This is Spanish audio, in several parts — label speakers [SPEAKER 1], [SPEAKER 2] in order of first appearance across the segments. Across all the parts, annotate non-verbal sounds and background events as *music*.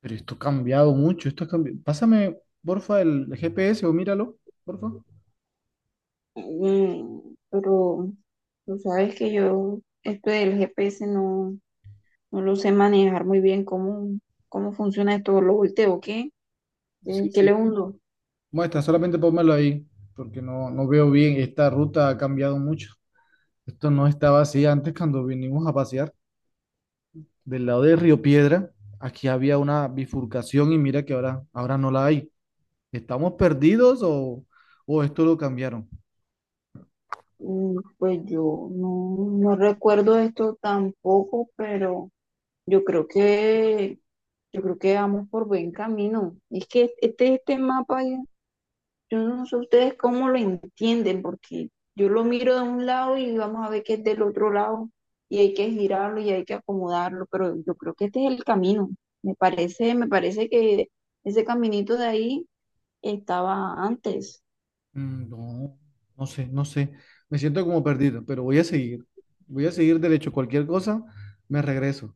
[SPEAKER 1] Pero esto ha cambiado mucho, esto ha cambiado. Pásame, porfa, el GPS o míralo, porfa.
[SPEAKER 2] Mm, pero tú sabes que yo, esto del GPS no lo sé manejar muy bien, cómo funciona esto, lo volteo, ¿qué?
[SPEAKER 1] Sí,
[SPEAKER 2] ¿Qué le
[SPEAKER 1] sí.
[SPEAKER 2] hundo?
[SPEAKER 1] Muestra, solamente pónmelo ahí, porque no veo bien. Esta ruta ha cambiado mucho. Esto no estaba así antes cuando vinimos a pasear. Del lado de Río Piedra, aquí había una bifurcación y mira que ahora no la hay. ¿Estamos perdidos o esto lo cambiaron?
[SPEAKER 2] Pues yo no recuerdo esto tampoco, pero yo creo yo creo que vamos por buen camino. Es que este mapa. Yo no sé ustedes cómo lo entienden, porque yo lo miro de un lado y vamos a ver que es del otro lado, y hay que girarlo y hay que acomodarlo, pero yo creo que este es el camino. Me parece que ese caminito de ahí estaba antes,
[SPEAKER 1] Mm, no, no sé. Me siento como perdido, pero voy a seguir. Voy a seguir derecho. Cualquier cosa, me regreso.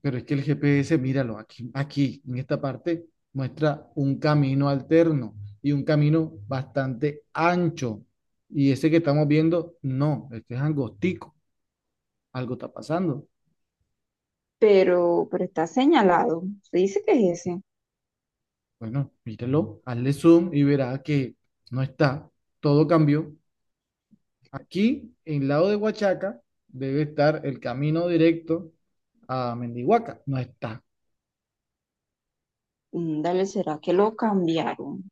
[SPEAKER 1] Pero es que el GPS, míralo, aquí, en esta parte, muestra un camino alterno y un camino bastante ancho. Y ese que estamos viendo, no, este es angostico, algo está pasando.
[SPEAKER 2] pero está señalado. Se dice que es ese.
[SPEAKER 1] Bueno, míralo, hazle zoom y verá que no está, todo cambió. Aquí, en el lado de Huachaca, debe estar el camino directo a Mendihuaca, no está.
[SPEAKER 2] Dale, ¿será que lo cambiaron?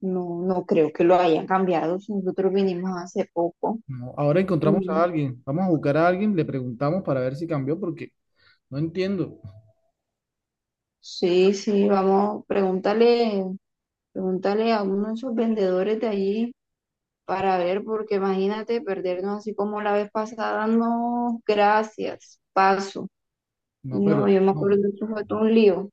[SPEAKER 2] No, no creo que lo hayan cambiado si nosotros vinimos hace poco.
[SPEAKER 1] No, ahora encontramos
[SPEAKER 2] Mm,
[SPEAKER 1] a alguien, vamos a buscar a alguien, le preguntamos para ver si cambió, porque no entiendo.
[SPEAKER 2] Sí, sí, vamos, pregúntale. Pregúntale a uno de esos vendedores de allí para ver, porque imagínate perdernos así como la vez pasada. No, gracias, paso.
[SPEAKER 1] No,
[SPEAKER 2] No,
[SPEAKER 1] pero
[SPEAKER 2] yo me acuerdo
[SPEAKER 1] no,
[SPEAKER 2] que eso fue todo un lío.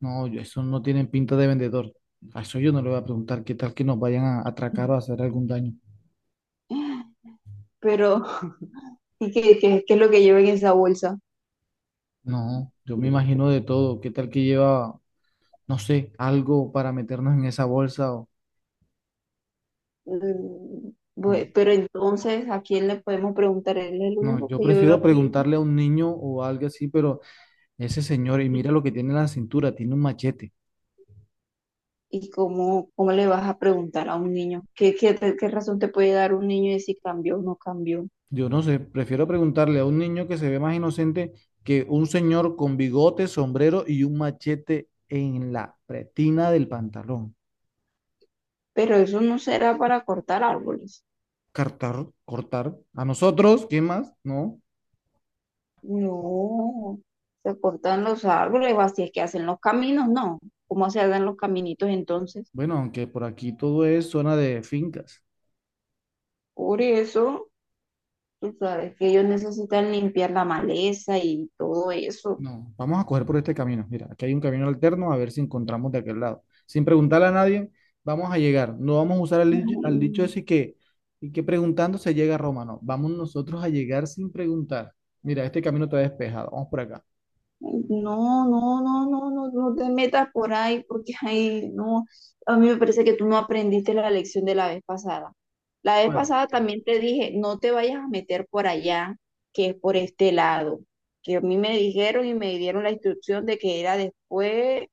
[SPEAKER 1] no, eso no tienen pinta de vendedor. A eso yo no le voy a preguntar qué tal que nos vayan a atracar o a hacer algún daño.
[SPEAKER 2] Pero, ¿y qué es lo que lleva en esa bolsa?
[SPEAKER 1] No, yo me imagino de todo. ¿Qué tal que lleva, no sé, algo para meternos en esa bolsa? O...
[SPEAKER 2] Mm,
[SPEAKER 1] No,
[SPEAKER 2] pero entonces, ¿a quién le podemos preguntar? Él es el
[SPEAKER 1] no,
[SPEAKER 2] único
[SPEAKER 1] yo
[SPEAKER 2] que yo veo
[SPEAKER 1] prefiero
[SPEAKER 2] así.
[SPEAKER 1] preguntarle a un niño o algo así, pero ese señor, y
[SPEAKER 2] ¿Y,
[SPEAKER 1] mira lo que tiene en la cintura, tiene un machete.
[SPEAKER 2] cómo le vas a preguntar a un niño? Qué razón te puede dar un niño de si cambió o no cambió?
[SPEAKER 1] Yo no sé, prefiero preguntarle a un niño que se ve más inocente que un señor con bigote, sombrero y un machete en la pretina del pantalón.
[SPEAKER 2] Pero eso no será para cortar árboles.
[SPEAKER 1] Cortar, cortar. A nosotros, ¿qué más? No.
[SPEAKER 2] No, se cortan los árboles, o así es que hacen los caminos, no. ¿Cómo se hagan los caminitos entonces?
[SPEAKER 1] Bueno, aunque por aquí todo es zona de fincas.
[SPEAKER 2] Por eso, tú sabes que ellos necesitan limpiar la maleza y todo eso.
[SPEAKER 1] No, vamos a coger por este camino. Mira, aquí hay un camino alterno, a ver si encontramos de aquel lado. Sin preguntarle a nadie, vamos a llegar. No vamos a usar al dicho ese que, y que preguntando se llega a Roma. No, vamos nosotros a llegar sin preguntar. Mira, este camino está despejado. Vamos por acá.
[SPEAKER 2] No, no, no, no, no, no te metas por ahí porque ahí no. A mí me parece que tú no aprendiste la lección de la vez pasada. La vez
[SPEAKER 1] Bueno,
[SPEAKER 2] pasada también te dije, no te vayas a meter por allá, que es por este lado. Que a mí me dijeron y me dieron la instrucción de que era después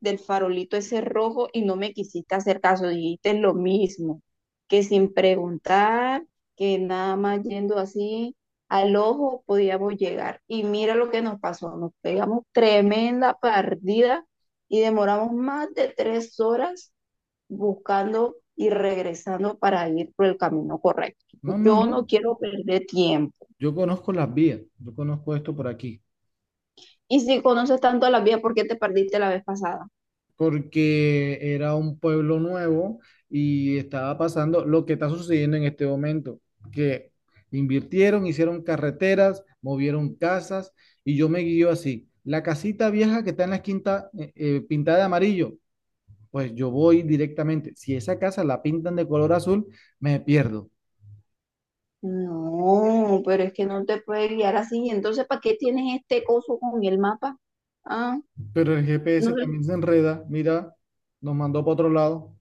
[SPEAKER 2] del farolito ese rojo y no me quisiste hacer caso, dijiste lo mismo, que sin preguntar, que nada más yendo así al ojo podíamos llegar. Y mira lo que nos pasó, nos pegamos tremenda partida y demoramos más de 3 horas buscando y regresando para ir por el camino correcto.
[SPEAKER 1] no, no,
[SPEAKER 2] Yo no
[SPEAKER 1] no.
[SPEAKER 2] quiero perder tiempo.
[SPEAKER 1] Yo conozco las vías. Yo conozco esto por aquí.
[SPEAKER 2] Y si conoces tanto la vía, ¿por qué te perdiste la vez pasada?
[SPEAKER 1] Porque era un pueblo nuevo y estaba pasando lo que está sucediendo en este momento, que invirtieron, hicieron carreteras, movieron casas y yo me guío así. La casita vieja que está en la esquina pintada de amarillo, pues yo voy directamente. Si esa casa la pintan de color azul, me pierdo.
[SPEAKER 2] No, pero es que no te puede guiar así. Entonces, ¿para qué tienes este coso con el mapa? Ah,
[SPEAKER 1] Pero el GPS
[SPEAKER 2] no
[SPEAKER 1] también se enreda, mira, nos mandó para otro lado.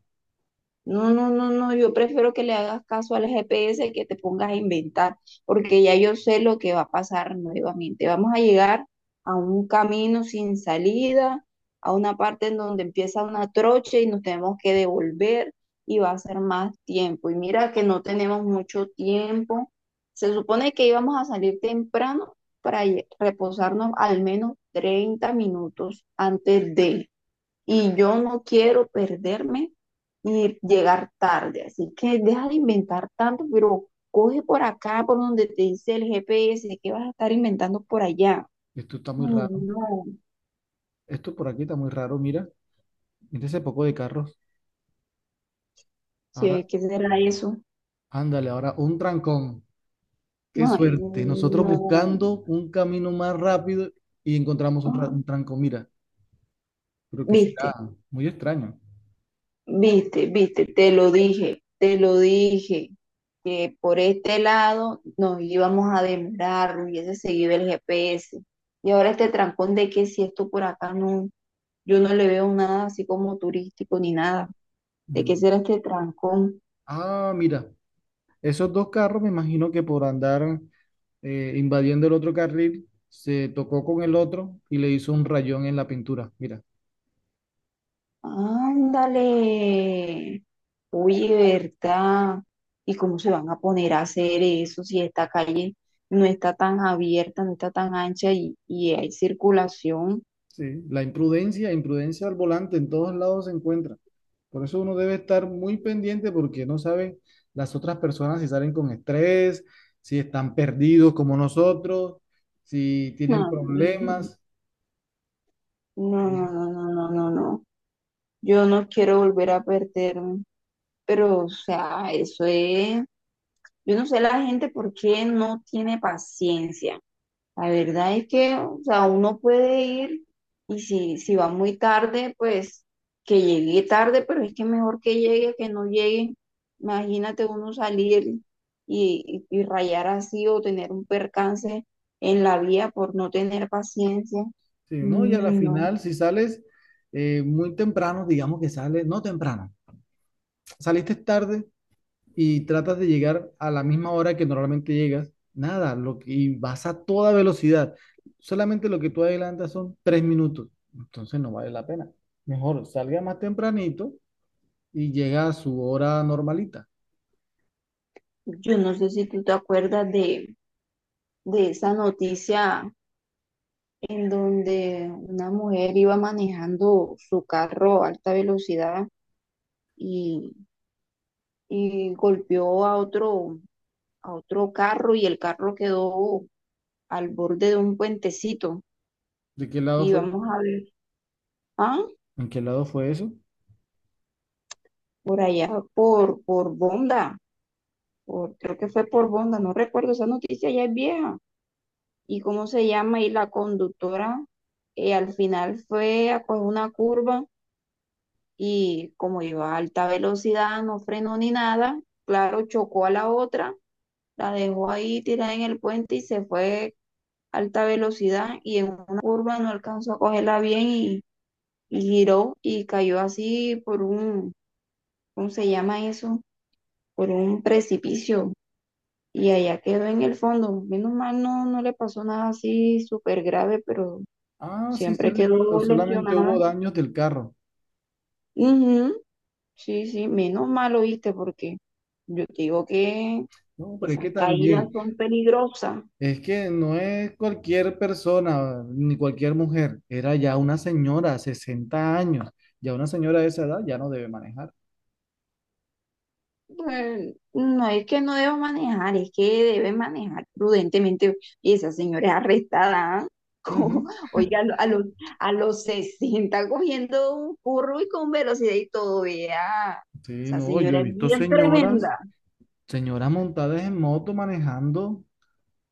[SPEAKER 2] No, no, no, no, yo prefiero que le hagas caso al GPS que te pongas a inventar, porque ya yo sé lo que va a pasar nuevamente. Vamos a llegar a un camino sin salida, a una parte en donde empieza una trocha y nos tenemos que devolver y va a ser más tiempo. Y mira que no tenemos mucho tiempo. Se supone que íbamos a salir temprano para reposarnos al menos 30 minutos antes de, y yo no quiero perderme y llegar tarde. Así que deja de inventar tanto, pero coge por acá, por donde te dice el GPS, que vas a estar inventando por allá.
[SPEAKER 1] Esto está
[SPEAKER 2] Ay,
[SPEAKER 1] muy raro.
[SPEAKER 2] no,
[SPEAKER 1] Esto por aquí está muy raro, mira. Mira ese poco de carros.
[SPEAKER 2] ¿qué,
[SPEAKER 1] Ahora,
[SPEAKER 2] qué será eso?
[SPEAKER 1] ándale, ahora un trancón. Qué
[SPEAKER 2] No, ay,
[SPEAKER 1] suerte. Nosotros
[SPEAKER 2] no.
[SPEAKER 1] buscando un camino más rápido y encontramos
[SPEAKER 2] Ah,
[SPEAKER 1] un trancón. Mira, creo que
[SPEAKER 2] Viste,
[SPEAKER 1] será muy extraño.
[SPEAKER 2] viste, te lo dije, que por este lado nos íbamos a demorar, hubiese seguido el GPS. Y ahora este trancón de que si esto por acá no. Yo no le veo nada así como turístico ni nada. ¿De qué
[SPEAKER 1] Mm.
[SPEAKER 2] será este trancón?
[SPEAKER 1] Ah, mira, esos dos carros me imagino que por andar invadiendo el otro carril se tocó con el otro y le hizo un rayón en la pintura. Mira.
[SPEAKER 2] Ándale. Oye, ¿verdad? ¿Y cómo se van a poner a hacer eso si esta calle no está tan abierta, no está tan ancha y hay circulación?
[SPEAKER 1] Sí, la imprudencia, imprudencia al volante en todos lados se encuentra. Por eso uno debe estar muy pendiente porque no sabe las otras personas si salen con estrés, si están perdidos como nosotros, si
[SPEAKER 2] No,
[SPEAKER 1] tienen
[SPEAKER 2] no,
[SPEAKER 1] problemas.
[SPEAKER 2] no,
[SPEAKER 1] Sí,
[SPEAKER 2] no, no, no, no, no, no. Yo no quiero volver a perderme. Pero, o sea, eso es... Yo no sé la gente por qué no tiene paciencia. La verdad es que, o sea, uno puede ir y si va muy tarde, pues que llegue tarde, pero es que mejor que llegue que no llegue. Imagínate uno salir y rayar así o tener un percance en la vía por no tener paciencia.
[SPEAKER 1] sí, ¿no? Y a la
[SPEAKER 2] Mm, No,
[SPEAKER 1] final, si sales muy temprano, digamos que sales, no temprano, saliste tarde, y tratas de llegar a la misma hora que normalmente llegas, nada, lo que, y vas a toda velocidad. Solamente lo que tú adelantas son 3 minutos, entonces no vale la pena. Mejor salga más tempranito y llega a su hora normalita.
[SPEAKER 2] yo no sé si tú te acuerdas de esa noticia en donde una mujer iba manejando su carro a alta velocidad y y golpeó a a otro carro y el carro quedó al borde de un puentecito.
[SPEAKER 1] ¿De qué lado
[SPEAKER 2] Y
[SPEAKER 1] fue?
[SPEAKER 2] vamos a ver, ah,
[SPEAKER 1] ¿En qué lado fue eso?
[SPEAKER 2] por allá, por Bonda, por, creo que fue por Bonda, no recuerdo, esa noticia ya es vieja. ¿Y cómo se llama? Y la conductora, al final fue a coger una curva y como iba a alta velocidad, no frenó ni nada, claro, chocó a la otra, la dejó ahí tirada en el puente y se fue alta velocidad y en una curva no alcanzó a cogerla bien y giró y cayó así por un, ¿cómo se llama eso? Por un precipicio y allá quedó en el fondo. Menos mal no, no le pasó nada así súper grave, pero
[SPEAKER 1] Ah, sí, sí,
[SPEAKER 2] siempre
[SPEAKER 1] recuerdo,
[SPEAKER 2] quedó
[SPEAKER 1] solamente hubo
[SPEAKER 2] lesionada.
[SPEAKER 1] daños del carro.
[SPEAKER 2] Ujú, sí, sí, menos mal, oíste, porque yo te digo que
[SPEAKER 1] No, pero es que
[SPEAKER 2] esas caídas
[SPEAKER 1] también,
[SPEAKER 2] son peligrosas.
[SPEAKER 1] es que no es cualquier persona ni cualquier mujer, era ya una señora, 60 años, ya una señora de esa edad ya no debe manejar.
[SPEAKER 2] No es que no debo manejar, es que debe manejar prudentemente. Y esa señora es arrestada. ¿Ah? *laughs* Como,
[SPEAKER 1] Ujú.
[SPEAKER 2] oiga, a a los 60 cogiendo un curro y con velocidad y todo, vea.
[SPEAKER 1] Sí,
[SPEAKER 2] Esa
[SPEAKER 1] no, yo
[SPEAKER 2] señora
[SPEAKER 1] he
[SPEAKER 2] es
[SPEAKER 1] visto
[SPEAKER 2] bien
[SPEAKER 1] señoras,
[SPEAKER 2] tremenda.
[SPEAKER 1] señoras montadas en moto manejando.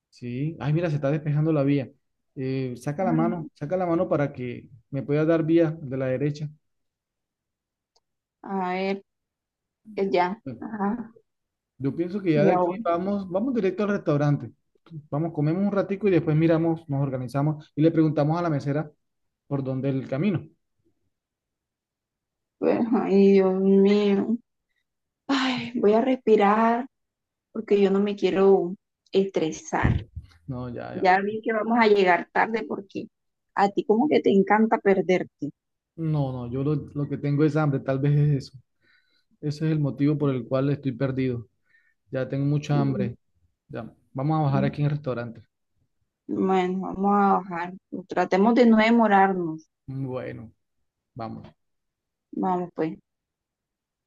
[SPEAKER 1] Sí, ay, mira, se está despejando la vía.
[SPEAKER 2] Ay,
[SPEAKER 1] Saca la mano para que me pueda dar vía de la derecha.
[SPEAKER 2] a ver, ya.
[SPEAKER 1] Bueno,
[SPEAKER 2] Ajá.
[SPEAKER 1] yo pienso que ya
[SPEAKER 2] Y
[SPEAKER 1] de aquí
[SPEAKER 2] ahora,
[SPEAKER 1] vamos, vamos directo al restaurante. Vamos, comemos un ratico y después miramos, nos organizamos y le preguntamos a la mesera por dónde es el camino.
[SPEAKER 2] pues, ay, Dios mío. Ay, voy a respirar porque yo no me quiero estresar.
[SPEAKER 1] No, ya, ya.
[SPEAKER 2] Ya vi que vamos a llegar tarde porque a ti como que te encanta perderte.
[SPEAKER 1] No, no, yo lo que tengo es hambre, tal vez es eso. Ese es el motivo por el cual estoy perdido. Ya tengo mucha
[SPEAKER 2] Mm,
[SPEAKER 1] hambre. Ya, vamos a bajar
[SPEAKER 2] mm.
[SPEAKER 1] aquí en el restaurante.
[SPEAKER 2] Bueno, vamos a bajar. Tratemos de no demorarnos.
[SPEAKER 1] Bueno, vamos.
[SPEAKER 2] Vamos, pues.